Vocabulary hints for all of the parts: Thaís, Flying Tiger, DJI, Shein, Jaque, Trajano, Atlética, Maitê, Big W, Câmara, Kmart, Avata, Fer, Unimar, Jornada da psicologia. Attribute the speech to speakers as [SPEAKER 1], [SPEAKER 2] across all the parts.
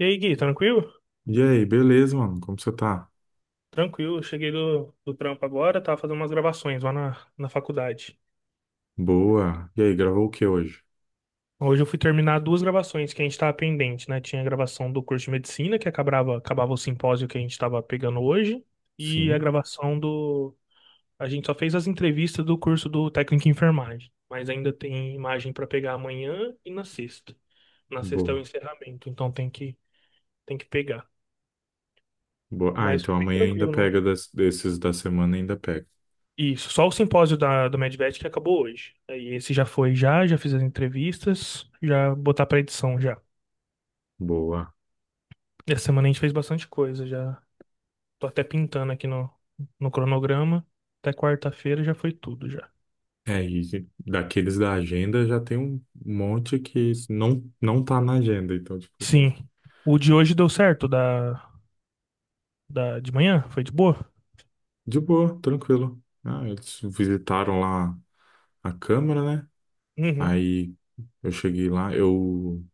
[SPEAKER 1] E aí, Gui, tranquilo?
[SPEAKER 2] E aí, beleza, mano? Como você tá?
[SPEAKER 1] Tranquilo, eu cheguei do trampo agora, tava fazendo umas gravações lá na faculdade.
[SPEAKER 2] Boa. E aí, gravou o que hoje?
[SPEAKER 1] Hoje eu fui terminar duas gravações que a gente tava pendente, né? Tinha a gravação do curso de medicina, que acabava o simpósio que a gente tava pegando hoje, e a
[SPEAKER 2] Sim?
[SPEAKER 1] gravação do. A gente só fez as entrevistas do curso do técnico em enfermagem, mas ainda tem imagem para pegar amanhã e na sexta. Na sexta é o
[SPEAKER 2] Boa.
[SPEAKER 1] encerramento, então tem que pegar.
[SPEAKER 2] Boa. Ah,
[SPEAKER 1] Mas
[SPEAKER 2] então
[SPEAKER 1] foi bem
[SPEAKER 2] amanhã ainda
[SPEAKER 1] tranquilo,
[SPEAKER 2] pega desses da semana, ainda pega.
[SPEAKER 1] isso, só o simpósio da, do Medvet que acabou hoje. Aí esse já fiz as entrevistas, já botar pra edição já.
[SPEAKER 2] Boa.
[SPEAKER 1] Essa semana a gente fez bastante coisa, já tô até pintando aqui no cronograma. Até quarta-feira já foi tudo já.
[SPEAKER 2] É, e daqueles da agenda já tem um monte que não tá na agenda, então, tipo,
[SPEAKER 1] Sim. O de hoje deu certo da de manhã? Foi de boa?
[SPEAKER 2] de boa, tranquilo. Ah, eles visitaram lá a Câmara, né?
[SPEAKER 1] Uhum.
[SPEAKER 2] Aí eu cheguei lá, eu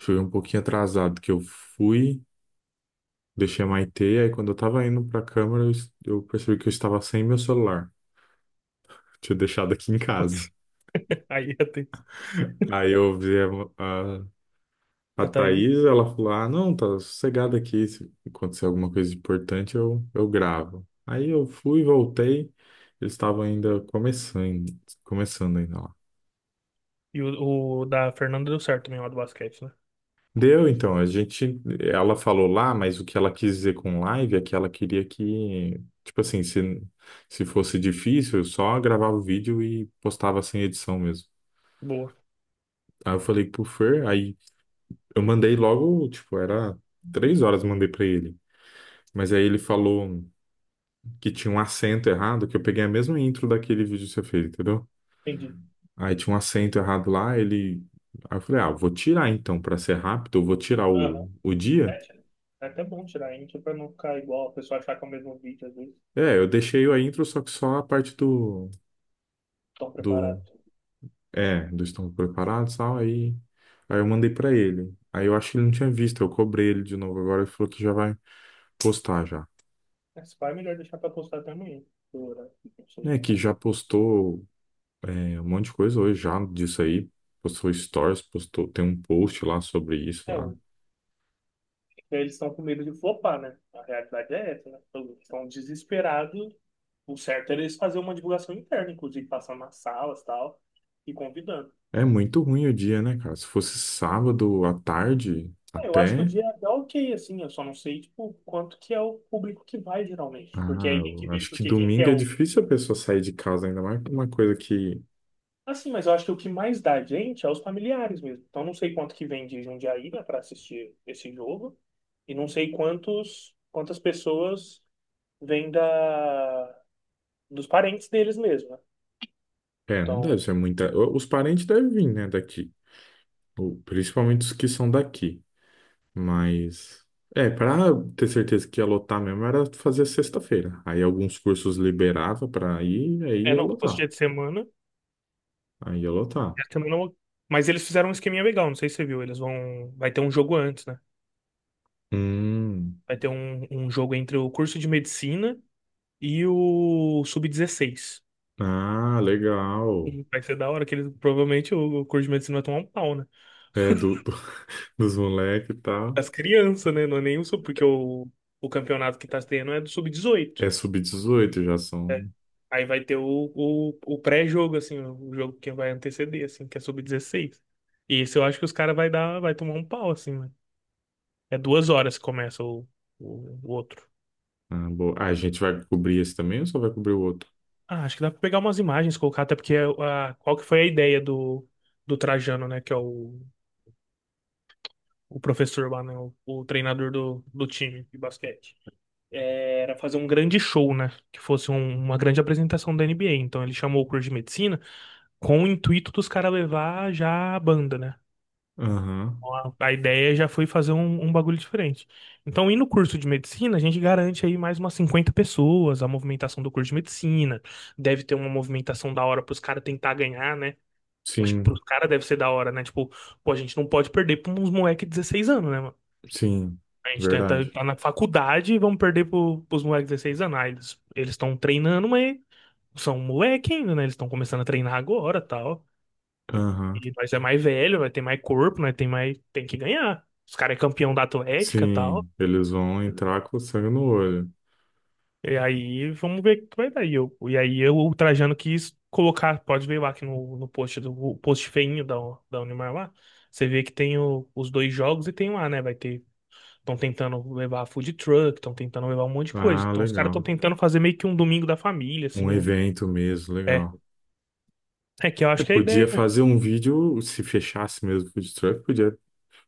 [SPEAKER 2] cheguei um pouquinho atrasado, que eu fui. Deixei a Maitê, aí quando eu tava indo pra câmara, eu percebi que eu estava sem meu celular. Tinha deixado aqui em casa.
[SPEAKER 1] Putz. Aí a Thaís.
[SPEAKER 2] Aí eu vi a, a
[SPEAKER 1] A Thaís.
[SPEAKER 2] Thaís, ela falou: Ah, não, tá sossegada aqui. Se acontecer alguma coisa importante, eu gravo. Aí eu fui, voltei. Eles estavam ainda começando, começando ainda lá.
[SPEAKER 1] E o da Fernanda deu certo também, lá do basquete, né?
[SPEAKER 2] Deu, então. A gente, ela falou lá, mas o que ela quis dizer com live é que ela queria que, tipo assim, se fosse difícil, eu só gravava o vídeo e postava sem edição mesmo.
[SPEAKER 1] Boa.
[SPEAKER 2] Aí eu falei pro Fer, aí eu mandei logo, tipo, era três horas, mandei pra ele. Mas aí ele falou que tinha um acento errado, que eu peguei a mesma intro daquele vídeo que você fez, entendeu?
[SPEAKER 1] Entendi.
[SPEAKER 2] Aí tinha um acento errado lá, ele. Aí eu falei, ah, vou tirar então, pra ser rápido, eu vou tirar
[SPEAKER 1] Aham.
[SPEAKER 2] o dia.
[SPEAKER 1] Sete, né? É até bom tirar índio pra não ficar igual, a pessoa achar que é o mesmo vídeo, às vezes,
[SPEAKER 2] É, eu deixei a intro, só que só a parte do,
[SPEAKER 1] tão
[SPEAKER 2] do,
[SPEAKER 1] preparado.
[SPEAKER 2] é, do estamos preparados e tal, aí eu mandei pra ele. Aí eu acho que ele não tinha visto, eu cobrei ele de novo agora, ele falou que já vai postar já.
[SPEAKER 1] Mas vai melhor deixar pra postar até amanhã. Dura, não sei.
[SPEAKER 2] É, que já postou, é, um monte de coisa hoje já disso aí, postou stories, postou, tem um post lá sobre isso
[SPEAKER 1] É,
[SPEAKER 2] lá.
[SPEAKER 1] eles estão com medo de flopar, né? A realidade é essa, né? Eles estão desesperados. O certo era eles fazerem uma divulgação interna, inclusive passando nas salas e tal, e convidando.
[SPEAKER 2] É muito ruim o dia, né, cara? Se fosse sábado à tarde,
[SPEAKER 1] É, eu acho que o
[SPEAKER 2] até,
[SPEAKER 1] dia é até ok, assim, eu só não sei, tipo, quanto que é o público que vai, geralmente. Porque
[SPEAKER 2] ah,
[SPEAKER 1] aí tem que
[SPEAKER 2] eu
[SPEAKER 1] ver,
[SPEAKER 2] acho que
[SPEAKER 1] porque quem que é
[SPEAKER 2] domingo é
[SPEAKER 1] o.
[SPEAKER 2] difícil a pessoa sair de casa, ainda mais com uma coisa que
[SPEAKER 1] Assim, mas eu acho que o que mais dá gente é os familiares mesmo. Então, não sei quanto que vem de Jundiaí, né, para assistir esse jogo. E não sei quantas pessoas vêm dos parentes deles mesmo, né?
[SPEAKER 2] É, não deve
[SPEAKER 1] Então,
[SPEAKER 2] ser muita. Os parentes devem vir, né, daqui. Ou, principalmente os que são daqui. Mas. É, pra ter certeza que ia lotar mesmo era fazer sexta-feira. Aí alguns cursos liberava pra ir, aí
[SPEAKER 1] é,
[SPEAKER 2] ia
[SPEAKER 1] não, se fosse
[SPEAKER 2] lotar.
[SPEAKER 1] dia de semana,
[SPEAKER 2] Aí ia lotar.
[SPEAKER 1] dia de semana. Mas eles fizeram um esqueminha legal, não sei se você viu. Eles vão. Vai ter um jogo antes, né?
[SPEAKER 2] Hum.
[SPEAKER 1] Vai ter um jogo entre o curso de medicina e o sub dezesseis.
[SPEAKER 2] Ah, legal.
[SPEAKER 1] Vai ser da hora que eles, provavelmente o curso de medicina vai tomar um pau, né?
[SPEAKER 2] É, dos moleques e tal.
[SPEAKER 1] Das crianças, né? Não é nenhum sub, porque o campeonato que tá tendo é do sub-18.
[SPEAKER 2] É sub dezoito, já são.
[SPEAKER 1] Aí vai ter o pré-jogo, assim, o jogo que vai anteceder, assim, que é sub-16. E esse eu acho que os caras vai dar, vai tomar um pau, assim, né? É 2 horas que começa o outro.
[SPEAKER 2] Ah, boa. Ah, a gente vai cobrir esse também ou só vai cobrir o outro?
[SPEAKER 1] Ah, acho que dá pra pegar umas imagens, colocar, até porque a, qual que foi a ideia do, do Trajano, né? Que é o professor lá, né? O treinador do, do time de basquete. Era fazer um grande show, né? Que fosse uma grande apresentação da NBA. Então ele chamou o curso de medicina com o intuito dos caras levar já a banda, né?
[SPEAKER 2] Aham.
[SPEAKER 1] Então, a ideia já foi fazer um bagulho diferente. Então, indo no curso de medicina, a gente garante aí mais umas 50 pessoas, a movimentação do curso de medicina. Deve ter uma movimentação da hora pros caras tentar ganhar, né? Acho que
[SPEAKER 2] Sim,
[SPEAKER 1] pros caras deve ser da hora, né? Tipo, pô, a gente não pode perder pra uns moleque de 16 anos, né, mano?
[SPEAKER 2] sim.
[SPEAKER 1] A gente
[SPEAKER 2] Verdade.
[SPEAKER 1] tenta tá na faculdade e vamos perder pro, pros moleques de 16 anos. Ah, eles estão treinando, mas são moleque ainda, né? Eles estão começando a treinar agora, tal.
[SPEAKER 2] Aham.
[SPEAKER 1] E nós é mais velho, vai ter mais corpo, né tem mais tem que ganhar. Os caras é campeão da Atlética, tal.
[SPEAKER 2] Sim, eles vão entrar com sangue no olho.
[SPEAKER 1] E aí vamos ver o que vai dar. E, eu, e aí eu, o Trajano quis colocar, pode ver lá aqui no post do o post feinho da Unimar lá. Você vê que tem os dois jogos e tem lá, né? Vai ter. Estão tentando levar food truck, estão tentando levar um monte de coisa.
[SPEAKER 2] Ah,
[SPEAKER 1] Então os caras estão
[SPEAKER 2] legal.
[SPEAKER 1] tentando fazer meio que um domingo da família,
[SPEAKER 2] Um
[SPEAKER 1] assim. Ó.
[SPEAKER 2] evento mesmo,
[SPEAKER 1] É.
[SPEAKER 2] legal.
[SPEAKER 1] É que eu
[SPEAKER 2] É,
[SPEAKER 1] acho que é a ideia,
[SPEAKER 2] podia
[SPEAKER 1] né?
[SPEAKER 2] fazer um vídeo, se fechasse mesmo o food truck, podia,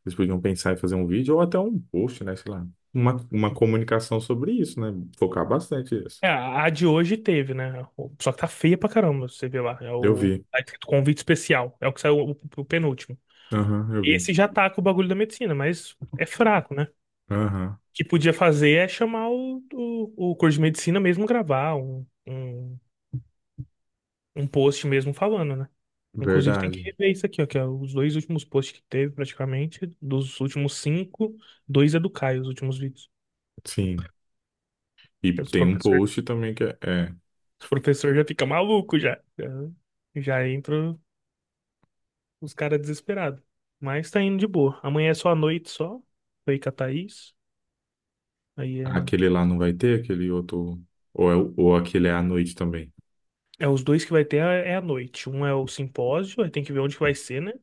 [SPEAKER 2] eles podiam pensar em fazer um vídeo ou até um post, né? Sei lá. Uma comunicação sobre isso, né? Focar bastante nisso.
[SPEAKER 1] É, a de hoje teve, né? Só que tá feia pra caramba, você vê lá. É
[SPEAKER 2] Eu
[SPEAKER 1] o.
[SPEAKER 2] vi.
[SPEAKER 1] Tá escrito convite especial. É o que saiu o penúltimo.
[SPEAKER 2] Aham, eu vi.
[SPEAKER 1] Esse já tá com o bagulho da medicina, mas é fraco, né? O
[SPEAKER 2] Aham,
[SPEAKER 1] que podia fazer é chamar o curso de medicina mesmo gravar um post mesmo falando, né? Inclusive tem que
[SPEAKER 2] verdade.
[SPEAKER 1] rever isso aqui, ó, que é os dois últimos posts que teve, praticamente, dos últimos cinco, dois é do Caio, os últimos vídeos.
[SPEAKER 2] Sim.
[SPEAKER 1] Que
[SPEAKER 2] E
[SPEAKER 1] é os
[SPEAKER 2] tem um
[SPEAKER 1] professor,
[SPEAKER 2] post também é
[SPEAKER 1] os professor já fica maluco já. Já entra os caras desesperados. Mas tá indo de boa. Amanhã é só a noite só. Foi com a Thaís. Aí é,
[SPEAKER 2] aquele lá não vai ter, aquele outro. Ou, é, ou aquele é à noite também.
[SPEAKER 1] é os dois que vai ter é a noite. Um é o simpósio, aí tem que ver onde que vai ser, né?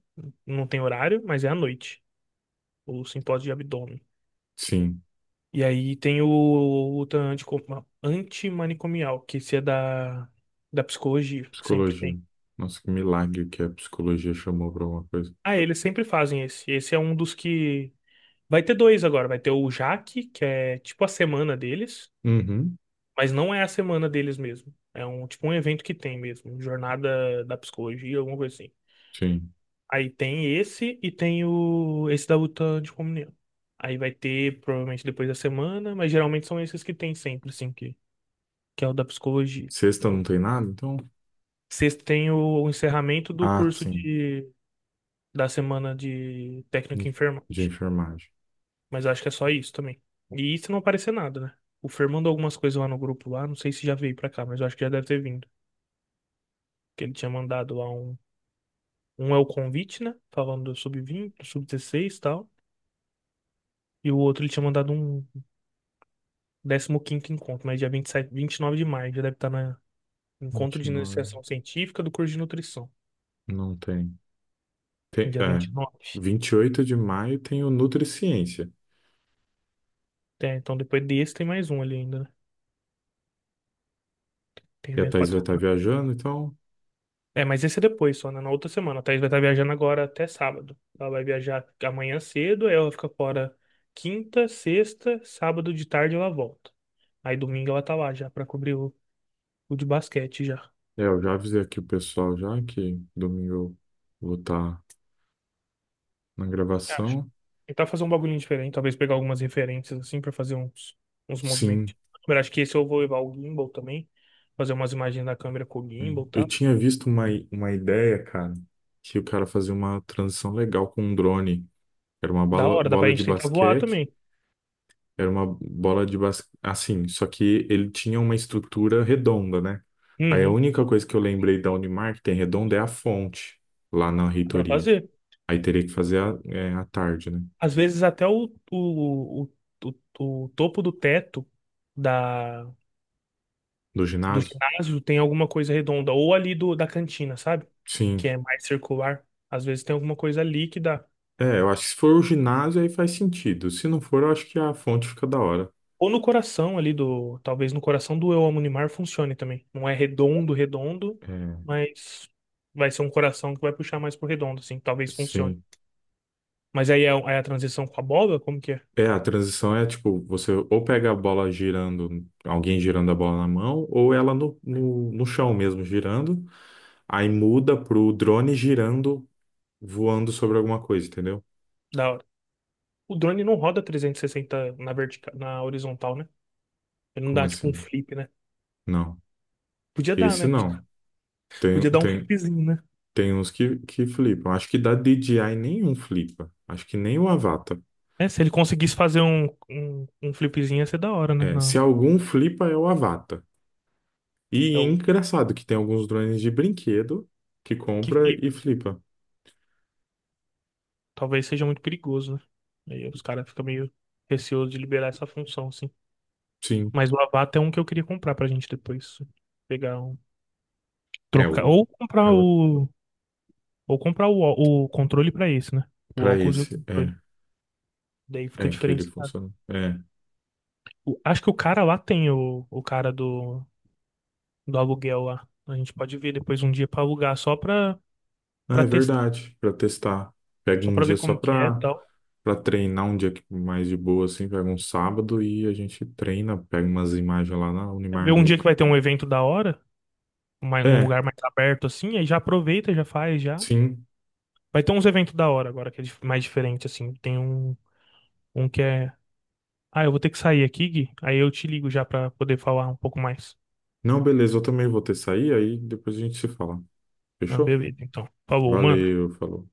[SPEAKER 1] Não tem horário, mas é à noite. O simpósio de abdômen.
[SPEAKER 2] Sim.
[SPEAKER 1] E aí tem o luta antico- antimanicomial, que esse é da psicologia, que sempre
[SPEAKER 2] Psicologia.
[SPEAKER 1] tem.
[SPEAKER 2] Nossa, que milagre que a psicologia chamou pra alguma coisa.
[SPEAKER 1] Ah, eles sempre fazem esse. Esse é um dos que. Vai ter dois agora. Vai ter o Jaque, que é tipo a semana deles,
[SPEAKER 2] Uhum,
[SPEAKER 1] mas não é a semana deles mesmo. É um tipo um evento que tem mesmo. Jornada da psicologia, alguma coisa assim.
[SPEAKER 2] sim.
[SPEAKER 1] Aí tem esse e tem o esse da luta anticomunhão. Aí vai ter provavelmente depois da semana, mas geralmente são esses que tem sempre, assim, que é o da psicologia.
[SPEAKER 2] Sexta não tem nada, então?
[SPEAKER 1] Sexta tem o encerramento do
[SPEAKER 2] Ah,
[SPEAKER 1] curso
[SPEAKER 2] sim.
[SPEAKER 1] de, da semana de técnico em
[SPEAKER 2] De
[SPEAKER 1] enfermagem.
[SPEAKER 2] de enfermagem.
[SPEAKER 1] Mas acho que é só isso também. E isso não aparecer nada, né? O Fer mandou algumas coisas lá no grupo lá, não sei se já veio pra cá, mas eu acho que já deve ter vindo. Que ele tinha mandado lá um. Um é o convite, né? Falando do sub-20, do sub-16 e tal. E o outro ele tinha mandado um décimo quinto encontro, mas dia vinte vinte e sete vinte e nove de maio, já deve estar na encontro
[SPEAKER 2] Vinte
[SPEAKER 1] de
[SPEAKER 2] e nove.
[SPEAKER 1] iniciação científica do curso de nutrição.
[SPEAKER 2] Não tem. Tem,
[SPEAKER 1] Dia
[SPEAKER 2] é,
[SPEAKER 1] 29.
[SPEAKER 2] 28 de maio tem o Nutriciência.
[SPEAKER 1] É, então depois desse tem mais um ali ainda, né? Tem
[SPEAKER 2] E a
[SPEAKER 1] evento pra
[SPEAKER 2] Thaís vai
[SPEAKER 1] cá.
[SPEAKER 2] estar viajando, então...
[SPEAKER 1] É, mas esse é depois só, né? Na outra semana. A Thaís vai estar viajando agora até sábado. Ela vai viajar amanhã cedo, aí ela fica fora quinta, sexta, sábado de tarde ela volta. Aí domingo ela tá lá já pra cobrir o de basquete já.
[SPEAKER 2] É, eu já avisei aqui o pessoal já que domingo eu vou estar na
[SPEAKER 1] Eu acho.
[SPEAKER 2] gravação.
[SPEAKER 1] Tentar fazer um bagulhinho diferente, talvez pegar algumas referências assim pra fazer uns
[SPEAKER 2] Sim.
[SPEAKER 1] movimentos. Eu acho que esse eu vou levar o gimbal também, fazer umas imagens da câmera com o gimbal,
[SPEAKER 2] Eu
[SPEAKER 1] tá?
[SPEAKER 2] tinha visto uma ideia, cara, que o cara fazia uma transição legal com um drone. Era uma
[SPEAKER 1] Da
[SPEAKER 2] bola,
[SPEAKER 1] hora, dá pra
[SPEAKER 2] bola de
[SPEAKER 1] gente tentar voar
[SPEAKER 2] basquete,
[SPEAKER 1] também.
[SPEAKER 2] era uma bola de basquete, assim, só que ele tinha uma estrutura redonda, né? Aí a
[SPEAKER 1] Uhum,
[SPEAKER 2] única coisa que eu lembrei da Unimar que tem redonda é a fonte, lá na
[SPEAKER 1] dá pra
[SPEAKER 2] reitoria.
[SPEAKER 1] fazer.
[SPEAKER 2] Aí teria que fazer é, à tarde, né?
[SPEAKER 1] Às vezes até o, o, o topo do teto da,
[SPEAKER 2] Do
[SPEAKER 1] do
[SPEAKER 2] ginásio?
[SPEAKER 1] ginásio tem alguma coisa redonda, ou ali do, da cantina, sabe? Que
[SPEAKER 2] Sim.
[SPEAKER 1] é mais circular. Às vezes tem alguma coisa líquida.
[SPEAKER 2] É, eu acho que se for o ginásio aí faz sentido. Se não for, eu acho que a fonte fica da hora.
[SPEAKER 1] Ou no coração ali do. Talvez no coração do Eu Amo Neymar funcione também. Não é redondo, redondo,
[SPEAKER 2] É,
[SPEAKER 1] mas vai ser um coração que vai puxar mais pro redondo, assim. Talvez funcione.
[SPEAKER 2] sim.
[SPEAKER 1] Mas aí é, é a transição com a bola? Como que é?
[SPEAKER 2] É, a transição é tipo, você ou pega a bola girando, alguém girando a bola na mão, ou ela no chão mesmo girando, aí muda pro drone girando, voando sobre alguma coisa, entendeu?
[SPEAKER 1] Da hora. O drone não roda 360 na vertical, na horizontal, né? Ele não
[SPEAKER 2] Como
[SPEAKER 1] dá tipo um
[SPEAKER 2] assim?
[SPEAKER 1] flip, né?
[SPEAKER 2] Não.
[SPEAKER 1] Podia dar,
[SPEAKER 2] Esse
[SPEAKER 1] né? Podia,
[SPEAKER 2] não. Tem,
[SPEAKER 1] podia dar um
[SPEAKER 2] tem,
[SPEAKER 1] flipzinho, né?
[SPEAKER 2] tem uns que flipam. Acho que da DJI nenhum flipa. Acho que nem o Avata.
[SPEAKER 1] É, se ele conseguisse fazer um flipzinho ia ser da hora, né?
[SPEAKER 2] É, se
[SPEAKER 1] Não,
[SPEAKER 2] algum flipa, é o Avata.
[SPEAKER 1] é
[SPEAKER 2] E é
[SPEAKER 1] o
[SPEAKER 2] engraçado que tem alguns drones de brinquedo que
[SPEAKER 1] que
[SPEAKER 2] compra e
[SPEAKER 1] flipa.
[SPEAKER 2] flipa.
[SPEAKER 1] Talvez seja muito perigoso, né? Aí os caras ficam meio receosos de liberar essa função, assim.
[SPEAKER 2] Sim.
[SPEAKER 1] Mas o Avata é um que eu queria comprar pra gente depois, assim. Pegar um.
[SPEAKER 2] É
[SPEAKER 1] Trocar.
[SPEAKER 2] o.
[SPEAKER 1] Ou
[SPEAKER 2] É
[SPEAKER 1] comprar
[SPEAKER 2] o.
[SPEAKER 1] o. Ou comprar o controle pra esse, né? O
[SPEAKER 2] Para
[SPEAKER 1] óculos e o
[SPEAKER 2] esse, é,
[SPEAKER 1] controle. Daí fica
[SPEAKER 2] é que ele
[SPEAKER 1] diferenciado.
[SPEAKER 2] funciona. É,
[SPEAKER 1] Acho que o cara lá tem o cara do aluguel lá. A gente pode ver depois um dia pra alugar só pra,
[SPEAKER 2] ah,
[SPEAKER 1] pra
[SPEAKER 2] é
[SPEAKER 1] testar.
[SPEAKER 2] verdade, para testar. Pega
[SPEAKER 1] Só
[SPEAKER 2] um
[SPEAKER 1] pra
[SPEAKER 2] dia
[SPEAKER 1] ver
[SPEAKER 2] só
[SPEAKER 1] como que é e
[SPEAKER 2] para
[SPEAKER 1] tal.
[SPEAKER 2] para treinar, um dia mais de boa, assim, pega um sábado e a gente treina, pega umas imagens lá na
[SPEAKER 1] É ver
[SPEAKER 2] Unimar
[SPEAKER 1] um dia que
[SPEAKER 2] mesmo.
[SPEAKER 1] vai ter um evento da hora, num
[SPEAKER 2] É,
[SPEAKER 1] lugar mais aberto assim, aí já aproveita, já faz, já.
[SPEAKER 2] sim.
[SPEAKER 1] Vai ter uns eventos da hora agora, que é mais diferente assim. Tem um que é. Ah, eu vou ter que sair aqui, Gui. Aí eu te ligo já pra poder falar um pouco mais.
[SPEAKER 2] Não, beleza, eu também vou ter que sair, aí depois a gente se fala.
[SPEAKER 1] Ah,
[SPEAKER 2] Fechou?
[SPEAKER 1] beleza, então. Falou, mano.
[SPEAKER 2] Valeu, falou.